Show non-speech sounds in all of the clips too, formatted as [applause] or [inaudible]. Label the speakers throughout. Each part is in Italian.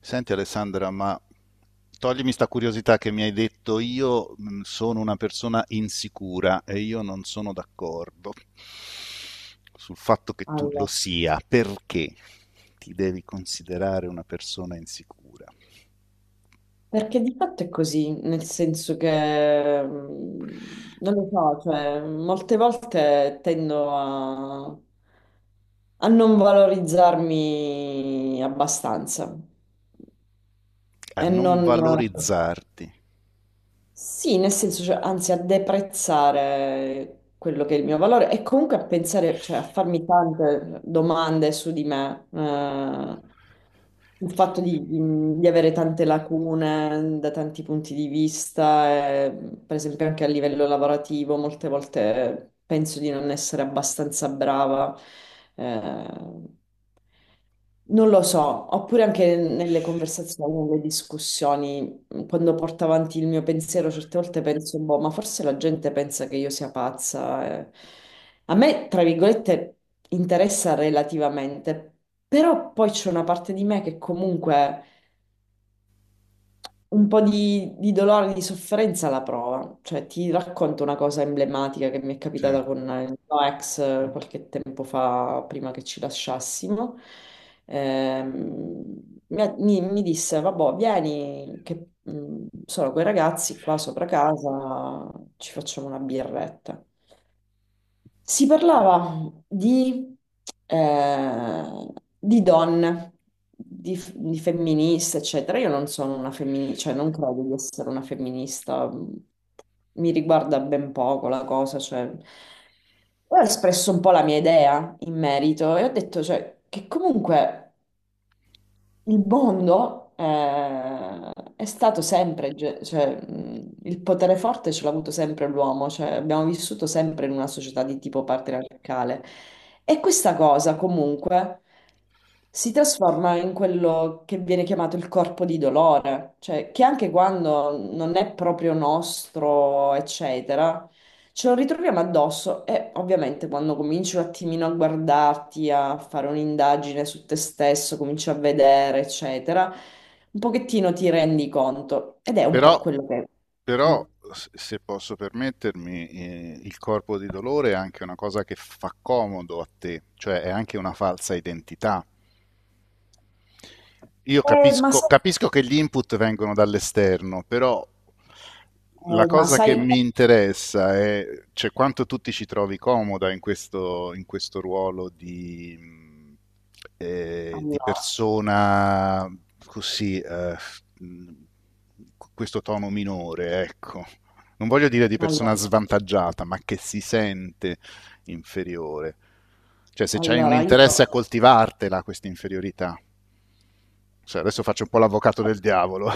Speaker 1: Senti Alessandra, ma toglimi sta curiosità che mi hai detto, io sono una persona insicura e io non sono d'accordo sul fatto che tu lo
Speaker 2: Allora,
Speaker 1: sia, perché ti devi considerare una persona insicura,
Speaker 2: perché di fatto è così, nel senso che non lo so, cioè, molte volte tendo a non valorizzarmi abbastanza
Speaker 1: a
Speaker 2: e
Speaker 1: non
Speaker 2: non,
Speaker 1: valorizzarti.
Speaker 2: sì, nel senso, cioè, anzi, a deprezzare quello che è il mio valore e comunque a pensare, cioè, a farmi tante domande su di me. Il fatto di avere tante lacune da tanti punti di vista, per esempio anche a livello lavorativo, molte volte penso di non essere abbastanza brava, eh, non lo so, oppure anche nelle conversazioni, nelle discussioni, quando porto avanti il mio pensiero, certe volte penso, boh, ma forse la gente pensa che io sia pazza. A me, tra virgolette, interessa relativamente, però poi c'è una parte di me che comunque un po' di, dolore, di sofferenza la prova. Cioè, ti racconto una cosa emblematica che mi è
Speaker 1: Cioè,
Speaker 2: capitata con il mio ex qualche tempo fa, prima che ci lasciassimo. Mi disse, vabbè, vieni, che sono quei ragazzi qua sopra casa, ci facciamo una birretta. Si parlava eh, di donne, di femministe, eccetera. Io non sono una femminista, cioè non credo di essere una femminista, mi riguarda ben poco la cosa, cioè ho espresso un po' la mia idea in merito e ho detto, cioè, che comunque. Il mondo è stato sempre, cioè, il potere forte ce l'ha avuto sempre l'uomo, cioè, abbiamo vissuto sempre in una società di tipo patriarcale e questa cosa comunque si trasforma in quello che viene chiamato il corpo di dolore, cioè che anche quando non è proprio nostro, eccetera. Ce lo ritroviamo addosso e ovviamente quando cominci un attimino a guardarti, a fare un'indagine su te stesso, cominci a vedere, eccetera, un pochettino ti rendi conto ed è un po'
Speaker 1: Però,
Speaker 2: quello che.
Speaker 1: però,
Speaker 2: Mm.
Speaker 1: se posso permettermi, il corpo di dolore è anche una cosa che fa comodo a te, cioè è anche una falsa identità. Io
Speaker 2: Eh, ma
Speaker 1: capisco,
Speaker 2: sai,
Speaker 1: capisco che gli input vengono dall'esterno, però la
Speaker 2: ma
Speaker 1: cosa che
Speaker 2: sai,
Speaker 1: mi interessa è, cioè, quanto tu ti ci trovi comoda in questo ruolo di
Speaker 2: allora,
Speaker 1: persona così, mh, con questo tono minore, ecco. Non voglio dire di
Speaker 2: allora,
Speaker 1: persona svantaggiata, ma che si sente inferiore. Cioè, se c'hai un
Speaker 2: allora, io
Speaker 1: interesse a coltivartela, questa inferiorità. Cioè, adesso faccio un po' l'avvocato del diavolo.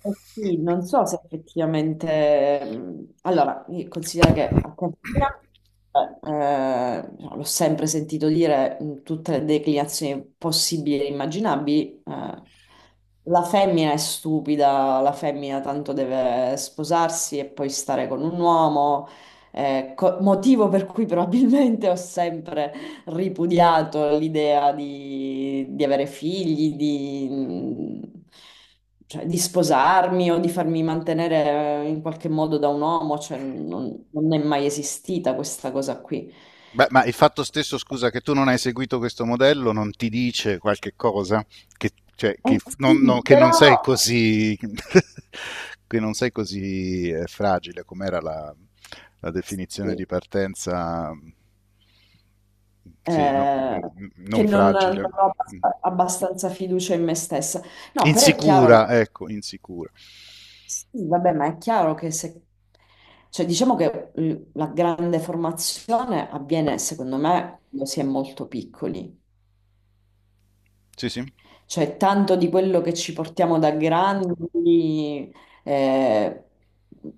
Speaker 2: Eh Sì, non so se effettivamente. Allora, considera che a casa mia, l'ho sempre sentito dire in tutte le declinazioni possibili e immaginabili, la femmina è stupida, la femmina tanto deve sposarsi e poi stare con un uomo, motivo per cui probabilmente ho sempre ripudiato l'idea di avere figli, cioè, di sposarmi o di farmi mantenere in qualche modo da un uomo, cioè, non è mai esistita questa cosa qui.
Speaker 1: Beh, ma il fatto stesso, scusa, che tu non hai seguito questo modello non ti dice qualche cosa? Che, cioè,
Speaker 2: Eh sì,
Speaker 1: che non
Speaker 2: però
Speaker 1: sei così, [laughs] che non sei così fragile, com'era la definizione
Speaker 2: sì,
Speaker 1: di partenza? Sì,
Speaker 2: eh, che
Speaker 1: non
Speaker 2: non
Speaker 1: fragile.
Speaker 2: ho abbastanza fiducia in me stessa. No, però è chiaro
Speaker 1: Insicura, ecco, insicura.
Speaker 2: Sì, vabbè, ma è chiaro che se. Cioè, diciamo che la grande formazione avviene, secondo me, quando si è molto piccoli.
Speaker 1: Sì, sì,
Speaker 2: Cioè, tanto di quello che ci portiamo da grandi, eh,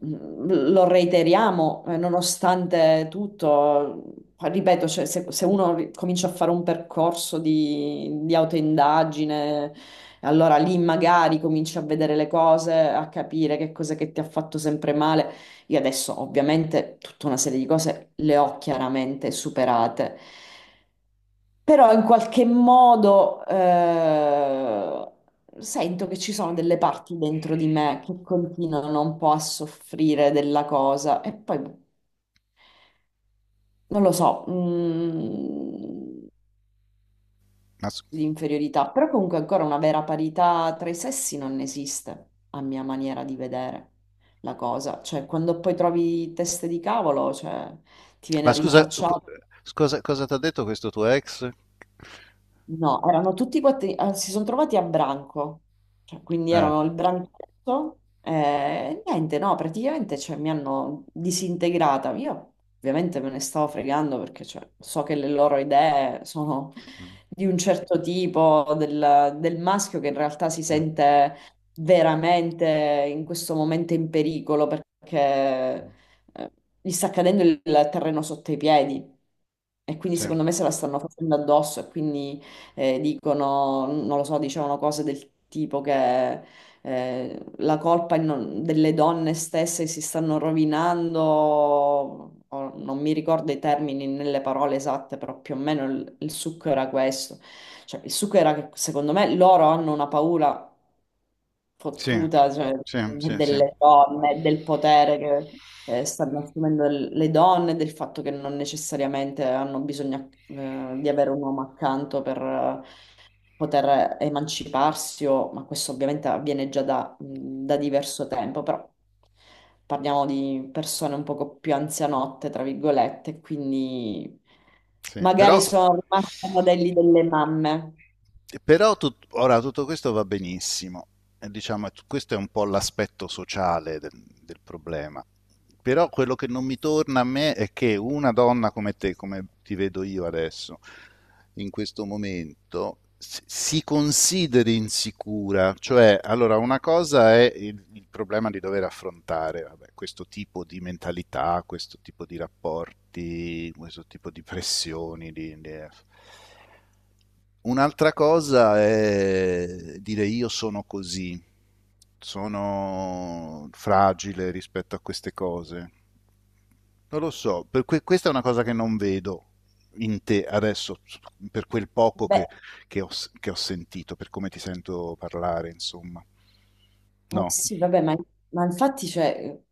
Speaker 2: lo reiteriamo, nonostante tutto. Ripeto, cioè, se uno comincia a fare un percorso di, autoindagine, allora lì magari cominci a vedere le cose, a capire che cosa che ti ha fatto sempre male. Io adesso ovviamente tutta una serie di cose le ho chiaramente superate. Però in qualche modo sento che ci sono delle parti dentro di me che continuano un po' a soffrire della cosa e poi boh, non lo so,
Speaker 1: ass-
Speaker 2: l'inferiorità, però comunque ancora una vera parità tra i sessi non esiste, a mia maniera di vedere la cosa, cioè quando poi trovi teste di cavolo, cioè, ti
Speaker 1: Ma
Speaker 2: viene
Speaker 1: scusa,
Speaker 2: rinfacciato
Speaker 1: scusa, cosa ti ha detto questo tuo ex?
Speaker 2: No, erano tutti quattro, si sono trovati a branco. Cioè, quindi
Speaker 1: Eh.
Speaker 2: erano il branchetto e niente, no, praticamente cioè, mi hanno disintegrata. Io ovviamente me ne stavo fregando perché cioè, so che le loro idee sono
Speaker 1: Mm,
Speaker 2: di un certo tipo, del maschio che in realtà si
Speaker 1: mm.
Speaker 2: sente veramente in questo momento in pericolo perché eh, gli sta cadendo il terreno sotto i piedi e quindi
Speaker 1: Sì,
Speaker 2: secondo me se la stanno facendo addosso e quindi dicono, non lo so, dicevano cose del tipo che la colpa è delle donne stesse che si stanno rovinando, o non mi ricordo i termini nelle parole esatte, però più o meno il succo era questo. Cioè, il succo era che secondo me loro hanno una paura
Speaker 1: sì,
Speaker 2: fottuta, cioè,
Speaker 1: sì, sì, sì,
Speaker 2: delle donne, del potere che stanno assumendo le donne, del fatto che non necessariamente hanno bisogno di avere un uomo accanto per poter emanciparsi, ma questo ovviamente avviene già da, diverso tempo, però parliamo di persone un poco più anzianotte, tra virgolette, quindi
Speaker 1: sì.
Speaker 2: magari
Speaker 1: Però,
Speaker 2: sono rimaste ai modelli delle mamme.
Speaker 1: Ora tutto questo va benissimo, e diciamo, questo è un po' l'aspetto sociale del, del problema. Però quello che non mi torna a me è che una donna come te, come ti vedo io adesso, in questo momento, si consideri insicura. Cioè, allora, una cosa è il problema di dover affrontare, vabbè, questo tipo di mentalità, questo tipo di rapporti, questo tipo di pressioni, un'altra cosa è dire io sono così, sono fragile rispetto a queste cose. Non lo so, questa è una cosa che non vedo in te adesso, per quel poco
Speaker 2: Beh,
Speaker 1: che, che ho, che ho sentito, per come ti sento parlare, insomma. No.
Speaker 2: sì, vabbè, ma infatti, cioè,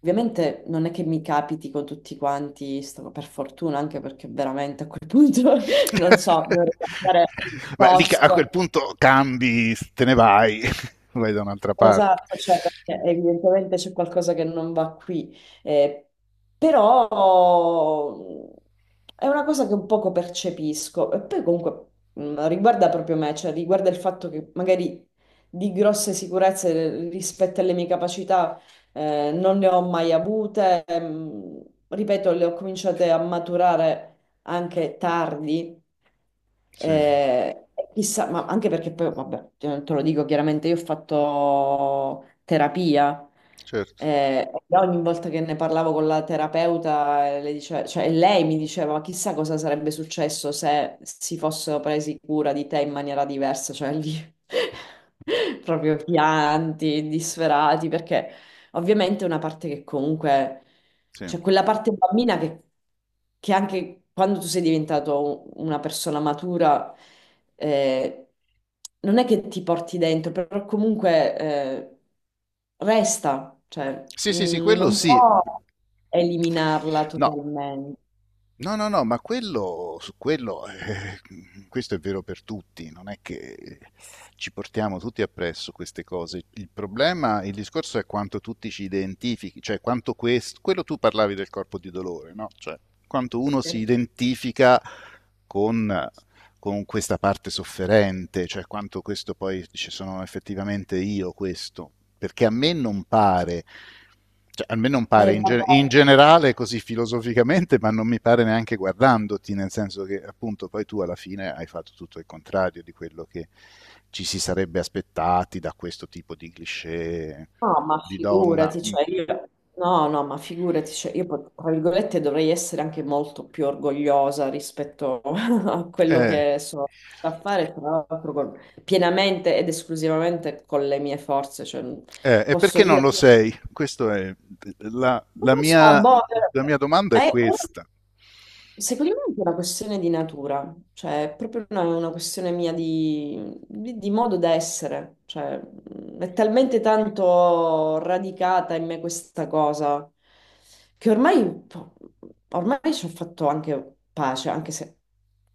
Speaker 2: ovviamente non è che mi capiti con tutti quanti, per fortuna, anche perché veramente a quel punto [laughs] non so, dovrei cambiare
Speaker 1: [laughs] Beh, a quel
Speaker 2: posto.
Speaker 1: punto cambi, te ne vai, [laughs] vai da un'altra parte.
Speaker 2: Esatto, cioè perché evidentemente c'è qualcosa che non va qui, Eh, però è una cosa che un poco percepisco e poi comunque riguarda proprio me, cioè riguarda il fatto che magari di grosse sicurezze rispetto alle mie capacità non ne ho mai avute, ripeto, le ho cominciate a maturare anche tardi.
Speaker 1: Sì,
Speaker 2: Eh, chissà, ma anche perché poi, vabbè, te lo dico chiaramente, io ho fatto terapia
Speaker 1: certo,
Speaker 2: e ogni volta che ne parlavo con la terapeuta, cioè, lei mi diceva, ma chissà cosa sarebbe successo se si fossero presi cura di te in maniera diversa, cioè lì [laughs] proprio pianti, disperati, perché. Ovviamente è una parte che comunque,
Speaker 1: sì.
Speaker 2: cioè quella parte bambina che anche quando tu sei diventato una persona matura, eh, non è che ti porti dentro, però comunque resta, cioè
Speaker 1: Sì, sì, sì, quello
Speaker 2: non
Speaker 1: sì.
Speaker 2: può eliminarla
Speaker 1: No,
Speaker 2: totalmente.
Speaker 1: no, no, no, ma quello, su quello, questo è vero per tutti, non è che ci portiamo tutti appresso queste cose. Il problema, il discorso è quanto tutti ci identifichi, cioè quanto questo, quello tu parlavi del corpo di dolore, no? Cioè quanto uno si
Speaker 2: Eh,
Speaker 1: identifica con con questa parte sofferente, cioè quanto questo poi dice sono effettivamente io questo, perché a me non pare, cioè, a me non pare in, in
Speaker 2: vabbè.
Speaker 1: generale così filosoficamente, ma non mi pare neanche guardandoti, nel senso che appunto poi tu alla fine hai fatto tutto il contrario di quello che ci si sarebbe aspettati da questo tipo di cliché
Speaker 2: No, ma
Speaker 1: di donna.
Speaker 2: figurati,
Speaker 1: Mm.
Speaker 2: cioè io, no, no, ma figurati, cioè io, tra virgolette, dovrei essere anche molto più orgogliosa rispetto [laughs] a quello
Speaker 1: Eh,
Speaker 2: che sono a fare, tra l'altro, pienamente ed esclusivamente con le mie forze, cioè,
Speaker 1: E
Speaker 2: posso
Speaker 1: perché non
Speaker 2: dire,
Speaker 1: lo sei? Questo è la,
Speaker 2: non
Speaker 1: la
Speaker 2: lo so,
Speaker 1: mia,
Speaker 2: boh,
Speaker 1: la mia domanda è
Speaker 2: eh,
Speaker 1: questa.
Speaker 2: Secondo me è anche una questione di natura, cioè è proprio una questione mia di, di modo d'essere, cioè è talmente tanto radicata in me questa cosa che ormai, ormai ci ho fatto anche pace, anche se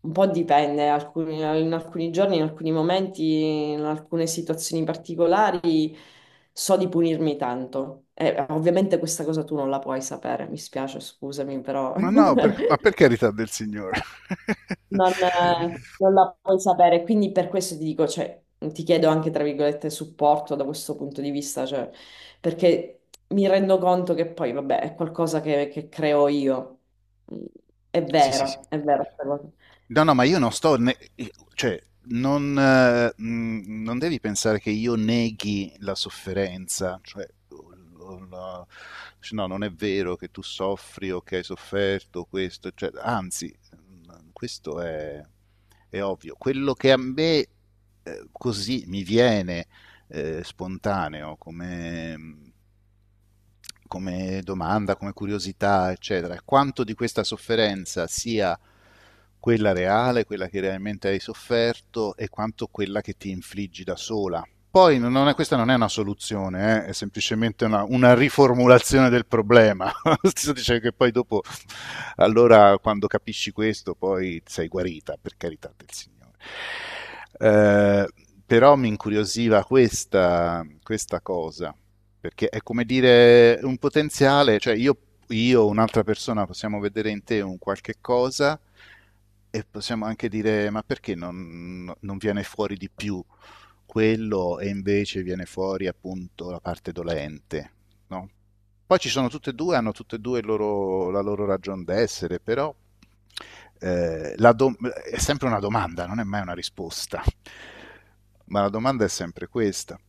Speaker 2: un po' dipende, in alcuni giorni, in alcuni momenti, in alcune situazioni particolari. So di punirmi tanto. E ovviamente questa cosa tu non la puoi sapere, mi spiace, scusami, però [laughs]
Speaker 1: Ma no,
Speaker 2: non,
Speaker 1: per, ma
Speaker 2: eh,
Speaker 1: per carità del Signore.
Speaker 2: non
Speaker 1: [laughs]
Speaker 2: la puoi sapere. Quindi per questo ti dico, cioè, ti chiedo anche, tra virgolette, supporto da questo punto di vista, cioè, perché mi rendo conto che poi, vabbè, è qualcosa che, creo io. Mm. È
Speaker 1: Sì, sì, sì.
Speaker 2: vero, è vero.
Speaker 1: No, no, ma io non sto... cioè, non devi pensare che io neghi la sofferenza, cioè... la- cioè, no, non è vero che tu soffri o che hai sofferto questo, cioè, anzi, questo è ovvio. Quello che a me così mi viene spontaneo come, come domanda, come curiosità, eccetera, quanto di questa sofferenza sia quella reale, quella che realmente hai sofferto e quanto quella che ti infliggi da sola. Poi non è- questa non è una soluzione, è semplicemente una riformulazione del problema. [laughs] Sto dicendo che poi dopo, allora quando capisci questo, poi sei guarita, per carità del Signore. Eh, però mi incuriosiva questa, questa cosa. Perché è come dire un potenziale, cioè io o un'altra persona possiamo vedere in te un qualche cosa e possiamo anche dire, ma perché non, no, non viene fuori di più quello e invece viene fuori appunto la parte dolente, no? Poi ci sono tutte e due, hanno tutte e due la loro ragion d'essere, però è sempre una domanda, non è mai una risposta. Ma la domanda è sempre questa.